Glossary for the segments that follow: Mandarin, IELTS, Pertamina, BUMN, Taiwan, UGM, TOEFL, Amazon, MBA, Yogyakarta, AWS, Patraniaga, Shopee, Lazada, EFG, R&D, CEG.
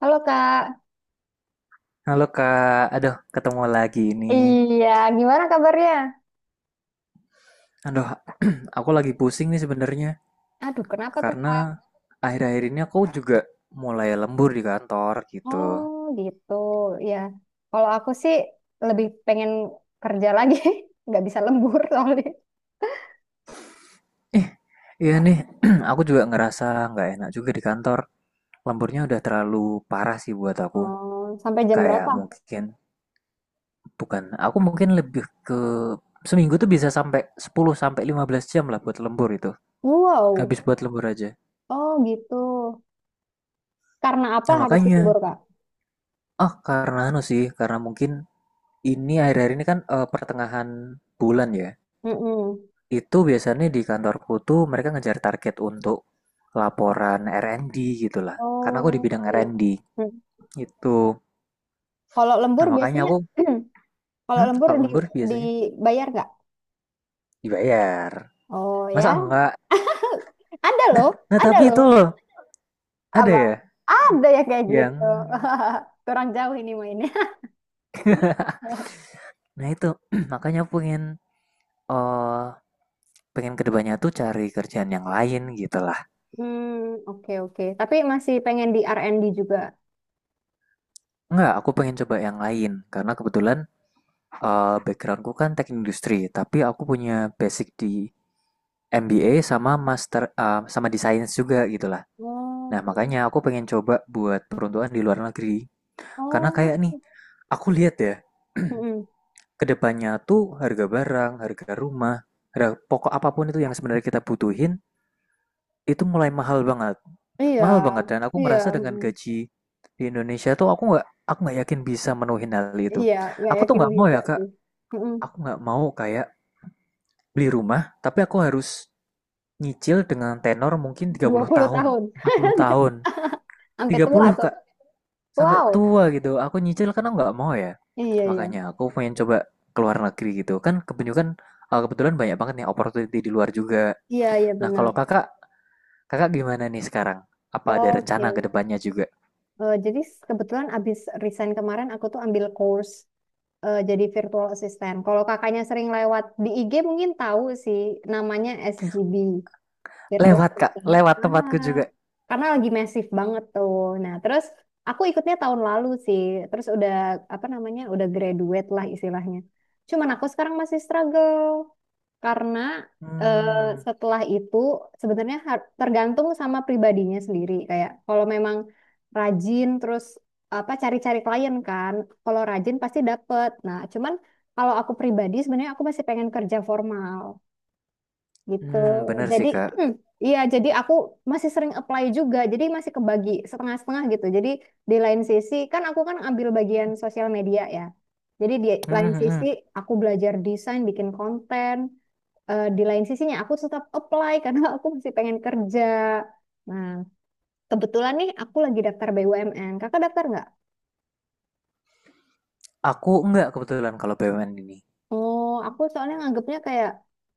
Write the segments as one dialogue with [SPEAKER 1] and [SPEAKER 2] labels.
[SPEAKER 1] Halo Kak,
[SPEAKER 2] Halo Kak, aduh ketemu lagi ini.
[SPEAKER 1] iya, gimana kabarnya?
[SPEAKER 2] Aduh, aku lagi pusing nih sebenarnya
[SPEAKER 1] Aduh kenapa tuh Kak?
[SPEAKER 2] karena akhir-akhir ini aku juga mulai lembur di kantor gitu.
[SPEAKER 1] Oh gitu, ya. Kalau aku sih lebih pengen kerja lagi, nggak bisa lembur soalnya.
[SPEAKER 2] Eh, iya nih, aku juga ngerasa nggak enak juga di kantor. Lemburnya udah terlalu parah sih buat aku.
[SPEAKER 1] Oh, sampai jam
[SPEAKER 2] Kayak
[SPEAKER 1] berapa?
[SPEAKER 2] mungkin bukan, aku mungkin lebih ke seminggu tuh bisa sampai 10 sampai 15 jam lah buat lembur itu.
[SPEAKER 1] Wow,
[SPEAKER 2] Habis buat lembur aja.
[SPEAKER 1] oh gitu. Karena apa
[SPEAKER 2] Nah,
[SPEAKER 1] harus
[SPEAKER 2] makanya,
[SPEAKER 1] lembur Kak?
[SPEAKER 2] oh karena anu sih, karena mungkin ini akhir-akhir ini kan pertengahan bulan ya.
[SPEAKER 1] Mm-mm.
[SPEAKER 2] Itu biasanya di kantorku tuh mereka ngejar target untuk laporan R&D gitu lah. Karena aku di
[SPEAKER 1] Oh,
[SPEAKER 2] bidang
[SPEAKER 1] iya.
[SPEAKER 2] R&D
[SPEAKER 1] Hmm.
[SPEAKER 2] itu.
[SPEAKER 1] Kalau lembur
[SPEAKER 2] Nah makanya
[SPEAKER 1] biasanya,
[SPEAKER 2] aku,
[SPEAKER 1] kalau lembur
[SPEAKER 2] kalau
[SPEAKER 1] di,
[SPEAKER 2] lembur biasanya
[SPEAKER 1] dibayar nggak?
[SPEAKER 2] dibayar.
[SPEAKER 1] Oh
[SPEAKER 2] Masa
[SPEAKER 1] ya,
[SPEAKER 2] enggak?
[SPEAKER 1] ada loh,
[SPEAKER 2] Nah
[SPEAKER 1] ada
[SPEAKER 2] tapi itu
[SPEAKER 1] loh.
[SPEAKER 2] loh, ada
[SPEAKER 1] Apa?
[SPEAKER 2] ya
[SPEAKER 1] Ada ya kayak gitu.
[SPEAKER 2] yang,
[SPEAKER 1] Kurang jauh ini main.
[SPEAKER 2] nah itu makanya aku pengen, eh pengen kedepannya tuh cari kerjaan yang lain gitu lah.
[SPEAKER 1] Hmm, oke oke. Tapi masih pengen di R&D juga.
[SPEAKER 2] Enggak, aku pengen coba yang lain karena kebetulan backgroundku kan teknik industri, tapi aku punya basic di MBA sama master sama di science juga gitulah. Nah,
[SPEAKER 1] Oke.
[SPEAKER 2] makanya aku pengen coba buat peruntukan di luar negeri. Karena
[SPEAKER 1] Oh,
[SPEAKER 2] kayak nih, aku lihat ya,
[SPEAKER 1] mm-mm.
[SPEAKER 2] kedepannya tuh harga barang, harga rumah, harga pokok apapun itu yang sebenarnya kita butuhin, itu mulai mahal banget.
[SPEAKER 1] Iya,
[SPEAKER 2] Mahal banget dan aku
[SPEAKER 1] iya,
[SPEAKER 2] ngerasa dengan
[SPEAKER 1] mm-mm.
[SPEAKER 2] gaji di Indonesia tuh aku nggak yakin bisa menuhin hal itu.
[SPEAKER 1] Iya, gak
[SPEAKER 2] Aku tuh
[SPEAKER 1] yakin
[SPEAKER 2] nggak mau
[SPEAKER 1] bisa
[SPEAKER 2] ya Kak,
[SPEAKER 1] sih. Mm-mm.
[SPEAKER 2] aku nggak mau kayak beli rumah, tapi aku harus nyicil dengan tenor mungkin tiga
[SPEAKER 1] dua
[SPEAKER 2] puluh
[SPEAKER 1] puluh
[SPEAKER 2] tahun,
[SPEAKER 1] tahun.
[SPEAKER 2] 40 tahun,
[SPEAKER 1] Sampai
[SPEAKER 2] tiga
[SPEAKER 1] tua
[SPEAKER 2] puluh
[SPEAKER 1] tuh.
[SPEAKER 2] Kak, sampai
[SPEAKER 1] Wow.
[SPEAKER 2] tua gitu. Aku nyicil karena nggak mau ya.
[SPEAKER 1] Iya, iya.
[SPEAKER 2] Makanya aku pengen coba keluar negeri gitu. Kan kebanyakan kebetulan banyak banget nih opportunity di luar juga.
[SPEAKER 1] Iya, iya
[SPEAKER 2] Nah, kalau
[SPEAKER 1] benar.
[SPEAKER 2] Kakak, Kakak gimana nih sekarang? Apa ada rencana ke
[SPEAKER 1] Oke.
[SPEAKER 2] depannya juga?
[SPEAKER 1] Eh, jadi kebetulan abis resign kemarin aku tuh ambil course eh, jadi virtual assistant. Kalau kakaknya sering lewat di IG mungkin tahu sih namanya SGB. Virtual
[SPEAKER 2] Lewat Kak,
[SPEAKER 1] meeting.
[SPEAKER 2] lewat tempatku
[SPEAKER 1] Ah,
[SPEAKER 2] juga.
[SPEAKER 1] karena lagi masif banget tuh. Nah, terus aku ikutnya tahun lalu sih. Terus udah apa namanya? Udah graduate lah istilahnya. Cuman aku sekarang masih struggle karena eh,
[SPEAKER 2] Hmm,
[SPEAKER 1] setelah itu sebenarnya tergantung sama pribadinya sendiri. Kayak kalau memang rajin terus apa cari-cari klien kan, kalau rajin pasti dapet. Nah, cuman kalau aku pribadi sebenarnya aku masih pengen kerja formal gitu.
[SPEAKER 2] hmm bener
[SPEAKER 1] Jadi
[SPEAKER 2] sih Kak.
[SPEAKER 1] mm, iya, jadi aku masih sering apply juga. Jadi masih kebagi setengah-setengah gitu. Jadi di lain sisi kan aku kan ambil bagian sosial media ya. Jadi di
[SPEAKER 2] Hmm,
[SPEAKER 1] lain
[SPEAKER 2] hmm,
[SPEAKER 1] sisi
[SPEAKER 2] hmm.
[SPEAKER 1] aku belajar desain, bikin konten. Eh, di lain sisinya aku tetap apply karena aku masih pengen kerja. Nah, kebetulan nih aku lagi daftar BUMN. Kakak daftar nggak?
[SPEAKER 2] Aku enggak kebetulan kalau BUMN ini.
[SPEAKER 1] Oh, aku soalnya nganggapnya kayak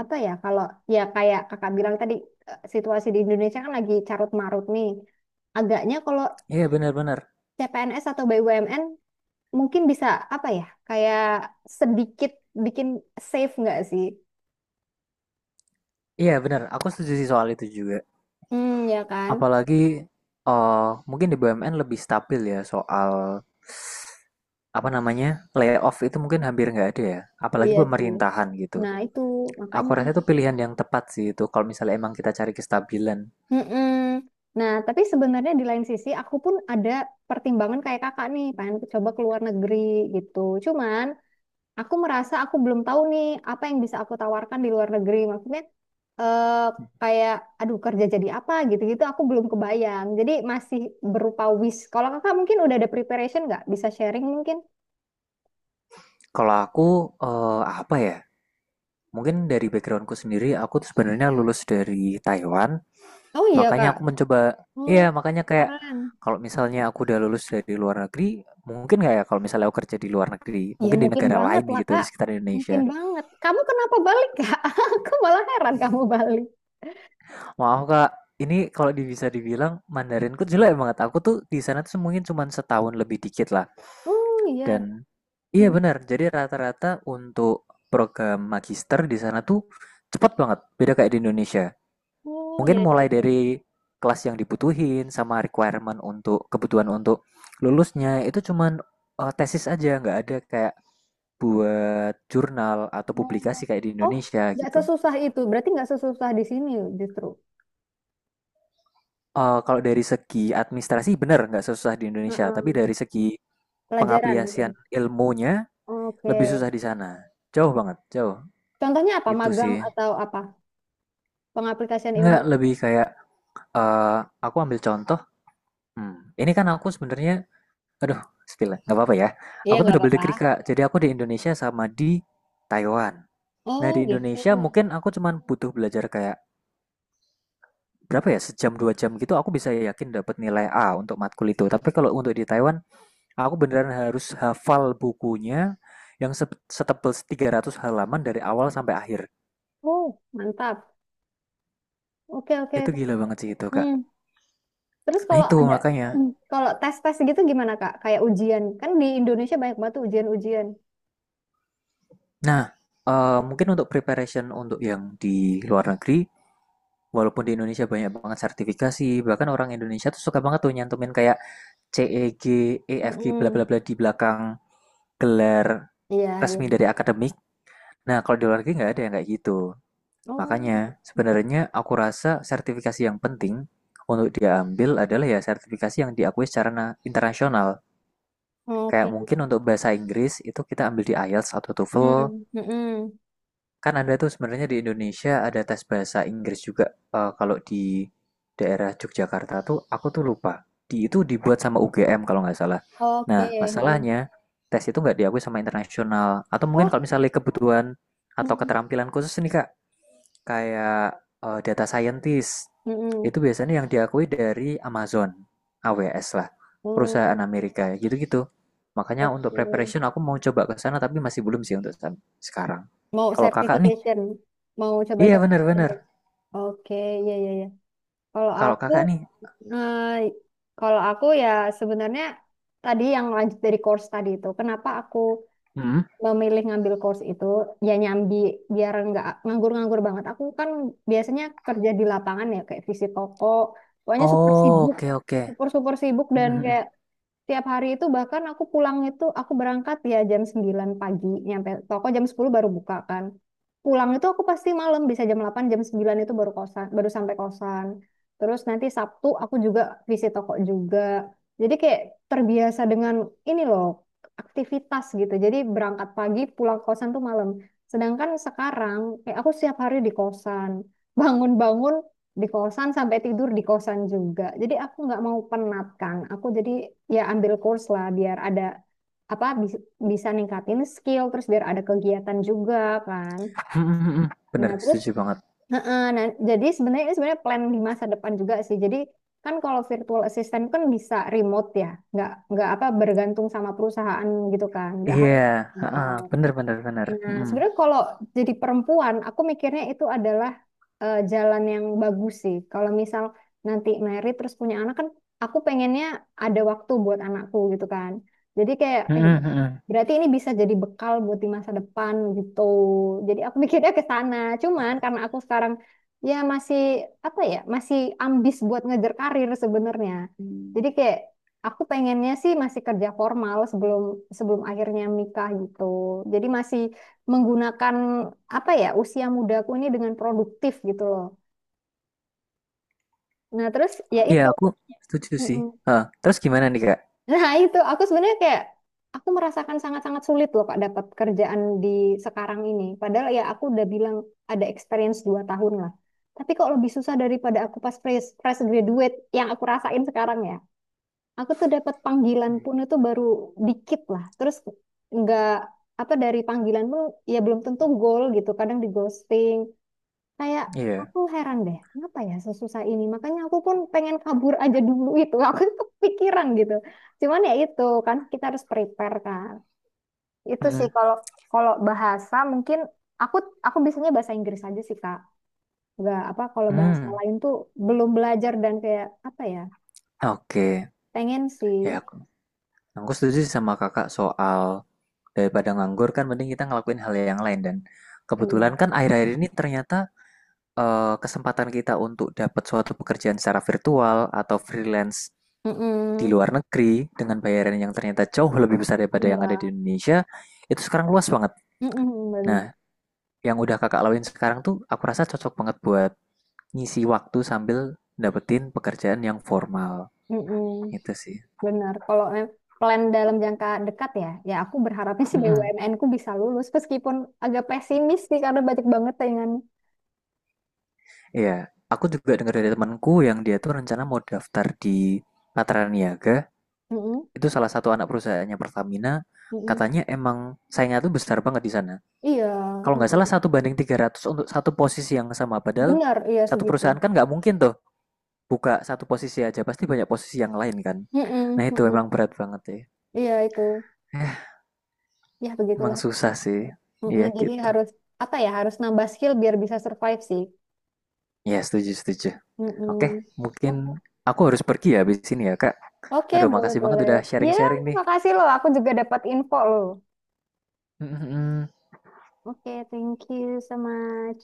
[SPEAKER 1] apa ya? Kalau ya kayak kakak bilang tadi eh, situasi di Indonesia kan lagi carut marut nih. Agaknya kalau
[SPEAKER 2] Iya benar-benar.
[SPEAKER 1] CPNS atau BUMN mungkin bisa apa ya? Kayak sedikit bikin safe nggak sih?
[SPEAKER 2] Iya benar, aku setuju sih soal itu juga.
[SPEAKER 1] Hmm, ya kan?
[SPEAKER 2] Apalagi mungkin di BUMN lebih stabil ya soal apa namanya layoff itu mungkin hampir nggak ada ya. Apalagi
[SPEAKER 1] Iya sih.
[SPEAKER 2] pemerintahan gitu.
[SPEAKER 1] Nah itu
[SPEAKER 2] Aku
[SPEAKER 1] makanya.
[SPEAKER 2] rasa itu pilihan yang tepat sih itu kalau misalnya emang kita cari kestabilan.
[SPEAKER 1] Mm-mm. Nah, tapi sebenarnya di lain sisi aku pun ada pertimbangan kayak kakak nih, pengen coba keluar negeri gitu. Cuman aku merasa aku belum tahu nih apa yang bisa aku tawarkan di luar negeri. Maksudnya eh, kayak aduh kerja jadi apa gitu-gitu aku belum kebayang. Jadi masih berupa wish. Kalau kakak mungkin udah ada preparation nggak? Bisa sharing mungkin?
[SPEAKER 2] Kalau aku apa ya? Mungkin dari backgroundku sendiri, aku tuh sebenarnya lulus dari Taiwan.
[SPEAKER 1] Oh iya
[SPEAKER 2] Makanya
[SPEAKER 1] kak.
[SPEAKER 2] aku mencoba
[SPEAKER 1] Oh
[SPEAKER 2] iya, makanya kayak
[SPEAKER 1] keren.
[SPEAKER 2] kalau misalnya aku udah lulus dari luar negeri, mungkin nggak ya kalau misalnya aku kerja di luar negeri,
[SPEAKER 1] Ya
[SPEAKER 2] mungkin di
[SPEAKER 1] mungkin
[SPEAKER 2] negara
[SPEAKER 1] banget
[SPEAKER 2] lain
[SPEAKER 1] lah
[SPEAKER 2] gitu di
[SPEAKER 1] kak.
[SPEAKER 2] sekitar
[SPEAKER 1] Mungkin
[SPEAKER 2] Indonesia.
[SPEAKER 1] banget. Kamu kenapa balik kak? Aku malah heran kamu balik.
[SPEAKER 2] Maaf Kak, ini kalau bisa dibilang Mandarinku jelek banget. Aku tuh di sana tuh mungkin cuma setahun lebih dikit lah.
[SPEAKER 1] Oh iya.
[SPEAKER 2] Dan iya
[SPEAKER 1] Hmm.
[SPEAKER 2] benar, jadi rata-rata untuk program magister di sana tuh cepat banget, beda kayak di Indonesia.
[SPEAKER 1] Oh iya.
[SPEAKER 2] Mungkin
[SPEAKER 1] Iya,
[SPEAKER 2] mulai dari
[SPEAKER 1] iya.
[SPEAKER 2] kelas yang dibutuhin sama requirement untuk kebutuhan untuk lulusnya itu cuman, tesis aja, nggak ada kayak buat jurnal atau
[SPEAKER 1] Oh,
[SPEAKER 2] publikasi kayak di
[SPEAKER 1] oh,
[SPEAKER 2] Indonesia
[SPEAKER 1] nggak
[SPEAKER 2] gitu.
[SPEAKER 1] sesusah itu. Berarti nggak sesusah di sini justru.
[SPEAKER 2] Kalau dari segi administrasi bener nggak susah di Indonesia, tapi
[SPEAKER 1] Heeh.
[SPEAKER 2] dari segi
[SPEAKER 1] Pelajaran
[SPEAKER 2] pengaplikasian
[SPEAKER 1] mungkin.
[SPEAKER 2] ilmunya lebih
[SPEAKER 1] Oke.
[SPEAKER 2] susah di sana. Jauh banget, jauh,
[SPEAKER 1] Contohnya apa?
[SPEAKER 2] itu
[SPEAKER 1] Magang
[SPEAKER 2] sih.
[SPEAKER 1] atau apa? Pengaplikasian
[SPEAKER 2] Nggak,
[SPEAKER 1] ilmu.
[SPEAKER 2] lebih kayak, eee, aku ambil contoh, ini kan aku sebenarnya aduh, spill ya, nggak apa-apa ya.
[SPEAKER 1] Iya,
[SPEAKER 2] Aku
[SPEAKER 1] nggak
[SPEAKER 2] tuh double
[SPEAKER 1] apa-apa.
[SPEAKER 2] degree, Kak. Jadi aku di Indonesia sama di Taiwan. Nah,
[SPEAKER 1] Oh,
[SPEAKER 2] di
[SPEAKER 1] gitu.
[SPEAKER 2] Indonesia mungkin aku cuman butuh belajar kayak berapa ya, sejam dua jam gitu aku bisa yakin dapat nilai A untuk matkul itu. Tapi kalau untuk di Taiwan, aku beneran harus hafal bukunya yang setebal 300 halaman dari awal sampai akhir.
[SPEAKER 1] Oh, mantap. Oke, oke.
[SPEAKER 2] Itu gila banget sih itu, Kak.
[SPEAKER 1] Hmm. Terus
[SPEAKER 2] Nah,
[SPEAKER 1] kalau
[SPEAKER 2] itu
[SPEAKER 1] ada
[SPEAKER 2] makanya
[SPEAKER 1] hmm, kalau tes-tes gitu gimana, Kak? Kayak ujian. Kan di Indonesia banyak banget tuh ujian-ujian.
[SPEAKER 2] nah, mungkin untuk preparation untuk yang di luar negeri, walaupun di Indonesia banyak banget sertifikasi, bahkan orang Indonesia tuh suka banget tuh nyantumin kayak CEG, EFG, bla
[SPEAKER 1] Mm-mm.
[SPEAKER 2] bla bla di belakang gelar
[SPEAKER 1] Iya,
[SPEAKER 2] resmi
[SPEAKER 1] iya.
[SPEAKER 2] dari akademik. Nah, kalau di luar negeri nggak ada yang kayak gitu.
[SPEAKER 1] Oh,
[SPEAKER 2] Makanya
[SPEAKER 1] gitu.
[SPEAKER 2] sebenarnya aku rasa sertifikasi yang penting untuk diambil adalah ya sertifikasi yang diakui secara internasional. Kayak
[SPEAKER 1] Oke.
[SPEAKER 2] mungkin untuk bahasa Inggris itu kita ambil di IELTS atau TOEFL.
[SPEAKER 1] Hmm. Mm-mm.
[SPEAKER 2] Kan ada tuh sebenarnya di Indonesia ada tes bahasa Inggris juga. Kalau di daerah Yogyakarta tuh aku tuh lupa. Di itu dibuat sama UGM kalau nggak salah.
[SPEAKER 1] Oke.
[SPEAKER 2] Nah,
[SPEAKER 1] Mm-mm.
[SPEAKER 2] masalahnya tes itu nggak diakui sama internasional. Atau mungkin
[SPEAKER 1] Oh.
[SPEAKER 2] kalau misalnya kebutuhan atau
[SPEAKER 1] Mm.
[SPEAKER 2] keterampilan khusus nih Kak, kayak data scientist.
[SPEAKER 1] Mm-mm.
[SPEAKER 2] Itu biasanya yang diakui dari Amazon, AWS lah,
[SPEAKER 1] Hmm.
[SPEAKER 2] perusahaan Amerika gitu-gitu. Makanya untuk
[SPEAKER 1] Oke.
[SPEAKER 2] preparation aku mau coba ke sana tapi masih belum sih untuk sekarang.
[SPEAKER 1] Mau
[SPEAKER 2] Kalau kakak nih,
[SPEAKER 1] certification. Mau coba
[SPEAKER 2] iya bener-bener.
[SPEAKER 1] certification. Oke, ya ya ya. Kalau
[SPEAKER 2] Kalau
[SPEAKER 1] aku
[SPEAKER 2] kakak nih,
[SPEAKER 1] eh, kalau aku ya sebenarnya tadi yang lanjut dari course tadi itu, kenapa aku
[SPEAKER 2] hmm?
[SPEAKER 1] memilih ngambil course itu ya nyambi biar nggak nganggur-nganggur banget. Aku kan biasanya kerja di lapangan ya kayak visi toko, pokoknya super
[SPEAKER 2] Oh
[SPEAKER 1] sibuk,
[SPEAKER 2] oke oke.
[SPEAKER 1] super super sibuk
[SPEAKER 2] Hmm,
[SPEAKER 1] dan
[SPEAKER 2] hmm,
[SPEAKER 1] kayak tiap hari itu bahkan aku pulang itu aku berangkat ya jam 9 pagi nyampe toko jam 10 baru buka kan. Pulang itu aku pasti malam bisa jam 8 jam 9 itu baru kosan baru sampai kosan. Terus nanti Sabtu aku juga visit toko juga. Jadi kayak terbiasa dengan ini loh aktivitas gitu. Jadi berangkat pagi pulang kosan tuh malam. Sedangkan sekarang kayak aku setiap hari di kosan. Bangun-bangun di kosan sampai tidur di kosan juga. Jadi aku nggak mau penat kan. Aku jadi ya ambil course lah biar ada apa bis- bisa ningkatin skill terus biar ada kegiatan juga kan.
[SPEAKER 2] hmm.
[SPEAKER 1] Nah,
[SPEAKER 2] Bener,
[SPEAKER 1] terus
[SPEAKER 2] setuju banget.
[SPEAKER 1] heeh, nah, jadi sebenarnya ini sebenarnya plan di masa depan juga sih. Jadi kan kalau virtual assistant kan bisa remote ya. Nggak apa bergantung sama perusahaan gitu kan. Nggak
[SPEAKER 2] Iya,
[SPEAKER 1] harus di
[SPEAKER 2] heeh,
[SPEAKER 1] kantor.
[SPEAKER 2] bener bener bener.
[SPEAKER 1] Nah,
[SPEAKER 2] Hmm.
[SPEAKER 1] sebenarnya kalau jadi perempuan, aku mikirnya itu adalah eh, jalan yang bagus sih. Kalau misal nanti married terus punya anak kan, aku pengennya ada waktu buat anakku gitu kan. Jadi kayak,
[SPEAKER 2] Hmm,
[SPEAKER 1] eh,
[SPEAKER 2] hmm, hmm, hmm.
[SPEAKER 1] berarti ini bisa jadi bekal buat di masa depan gitu. Jadi aku mikirnya ke sana. Cuman karena aku sekarang ya masih apa ya, masih ambis buat ngejar karir sebenarnya. Hmm. Jadi kayak aku pengennya sih masih kerja formal sebelum sebelum akhirnya nikah gitu. Jadi masih menggunakan apa ya usia mudaku ini dengan produktif gitu loh. Nah terus ya
[SPEAKER 2] Iya
[SPEAKER 1] itu,
[SPEAKER 2] aku setuju sih.
[SPEAKER 1] mm-mm.
[SPEAKER 2] Heeh, terus gimana nih kak?
[SPEAKER 1] Nah itu aku sebenarnya kayak aku merasakan sangat-sangat sulit loh Kak dapat kerjaan di sekarang ini. Padahal ya aku udah bilang ada experience 2 tahun lah. Tapi kok lebih susah daripada aku pas fresh graduate yang aku rasain sekarang ya. Aku tuh dapat panggilan pun itu baru dikit lah. Terus nggak apa dari panggilan pun ya belum tentu goal gitu. Kadang di ghosting. Kayak
[SPEAKER 2] Iya.
[SPEAKER 1] aku heran deh, kenapa ya sesusah ini? Makanya aku pun pengen kabur aja dulu itu. Aku kepikiran gitu. Cuman ya itu kan kita harus prepare kan. Itu
[SPEAKER 2] Hmm.
[SPEAKER 1] sih kalau kalau bahasa mungkin aku biasanya bahasa Inggris aja sih Kak. Gak apa kalau bahasa
[SPEAKER 2] Hmm.
[SPEAKER 1] lain tuh belum belajar dan kayak apa ya?
[SPEAKER 2] Oke.
[SPEAKER 1] Pengen
[SPEAKER 2] Ya
[SPEAKER 1] sih.
[SPEAKER 2] aku setuju sih sama kakak soal daripada nganggur kan mending kita ngelakuin hal yang lain dan kebetulan
[SPEAKER 1] Iya.
[SPEAKER 2] kan akhir-akhir ini ternyata kesempatan kita untuk dapat suatu pekerjaan secara virtual atau freelance di
[SPEAKER 1] Mm-mm.
[SPEAKER 2] luar negeri dengan bayaran yang ternyata jauh lebih besar daripada yang ada di
[SPEAKER 1] Iya.
[SPEAKER 2] Indonesia, itu sekarang luas banget.
[SPEAKER 1] Mm-mm, bener.
[SPEAKER 2] Nah, yang udah kakak lakuin sekarang tuh aku rasa cocok banget buat ngisi waktu sambil dapetin pekerjaan yang formal.
[SPEAKER 1] Mm-mm.
[SPEAKER 2] Itu sih.
[SPEAKER 1] Benar, kalau plan dalam jangka dekat ya, ya aku berharapnya sih
[SPEAKER 2] Mm.
[SPEAKER 1] BUMN ku bisa lulus meskipun agak pesimis sih karena banyak banget tayangan.
[SPEAKER 2] Iya, aku juga dengar dari temanku yang dia tuh rencana mau daftar di Patraniaga. Niaga.
[SPEAKER 1] Mm-mm,
[SPEAKER 2] Itu salah satu anak perusahaannya Pertamina.
[SPEAKER 1] mm-mm.
[SPEAKER 2] Katanya emang saingnya tuh besar banget di sana.
[SPEAKER 1] Iya,
[SPEAKER 2] Kalau nggak salah
[SPEAKER 1] mm-mm.
[SPEAKER 2] 1 banding 300 untuk satu posisi yang sama. Padahal
[SPEAKER 1] Benar, iya
[SPEAKER 2] satu
[SPEAKER 1] segitu.
[SPEAKER 2] perusahaan kan nggak mungkin tuh buka satu posisi aja pasti banyak posisi yang lain kan, nah
[SPEAKER 1] Mm-mm,
[SPEAKER 2] itu
[SPEAKER 1] mm-mm.
[SPEAKER 2] emang berat banget ya,
[SPEAKER 1] Iya itu,
[SPEAKER 2] eh,
[SPEAKER 1] ya
[SPEAKER 2] emang
[SPEAKER 1] begitulah.
[SPEAKER 2] susah sih, iya
[SPEAKER 1] Mm-mm, jadi
[SPEAKER 2] gitu,
[SPEAKER 1] harus apa ya, harus nambah skill biar bisa survive sih.
[SPEAKER 2] ya setuju setuju, oke
[SPEAKER 1] Mm-mm.
[SPEAKER 2] mungkin
[SPEAKER 1] Oke,
[SPEAKER 2] aku harus pergi ya habis ini ya kak,
[SPEAKER 1] oke,
[SPEAKER 2] aduh
[SPEAKER 1] boleh
[SPEAKER 2] makasih banget
[SPEAKER 1] boleh.
[SPEAKER 2] udah
[SPEAKER 1] Ya,
[SPEAKER 2] sharing-sharing nih.
[SPEAKER 1] makasih loh, aku juga dapat info loh.
[SPEAKER 2] Mm-mm.
[SPEAKER 1] Oke, thank you so much.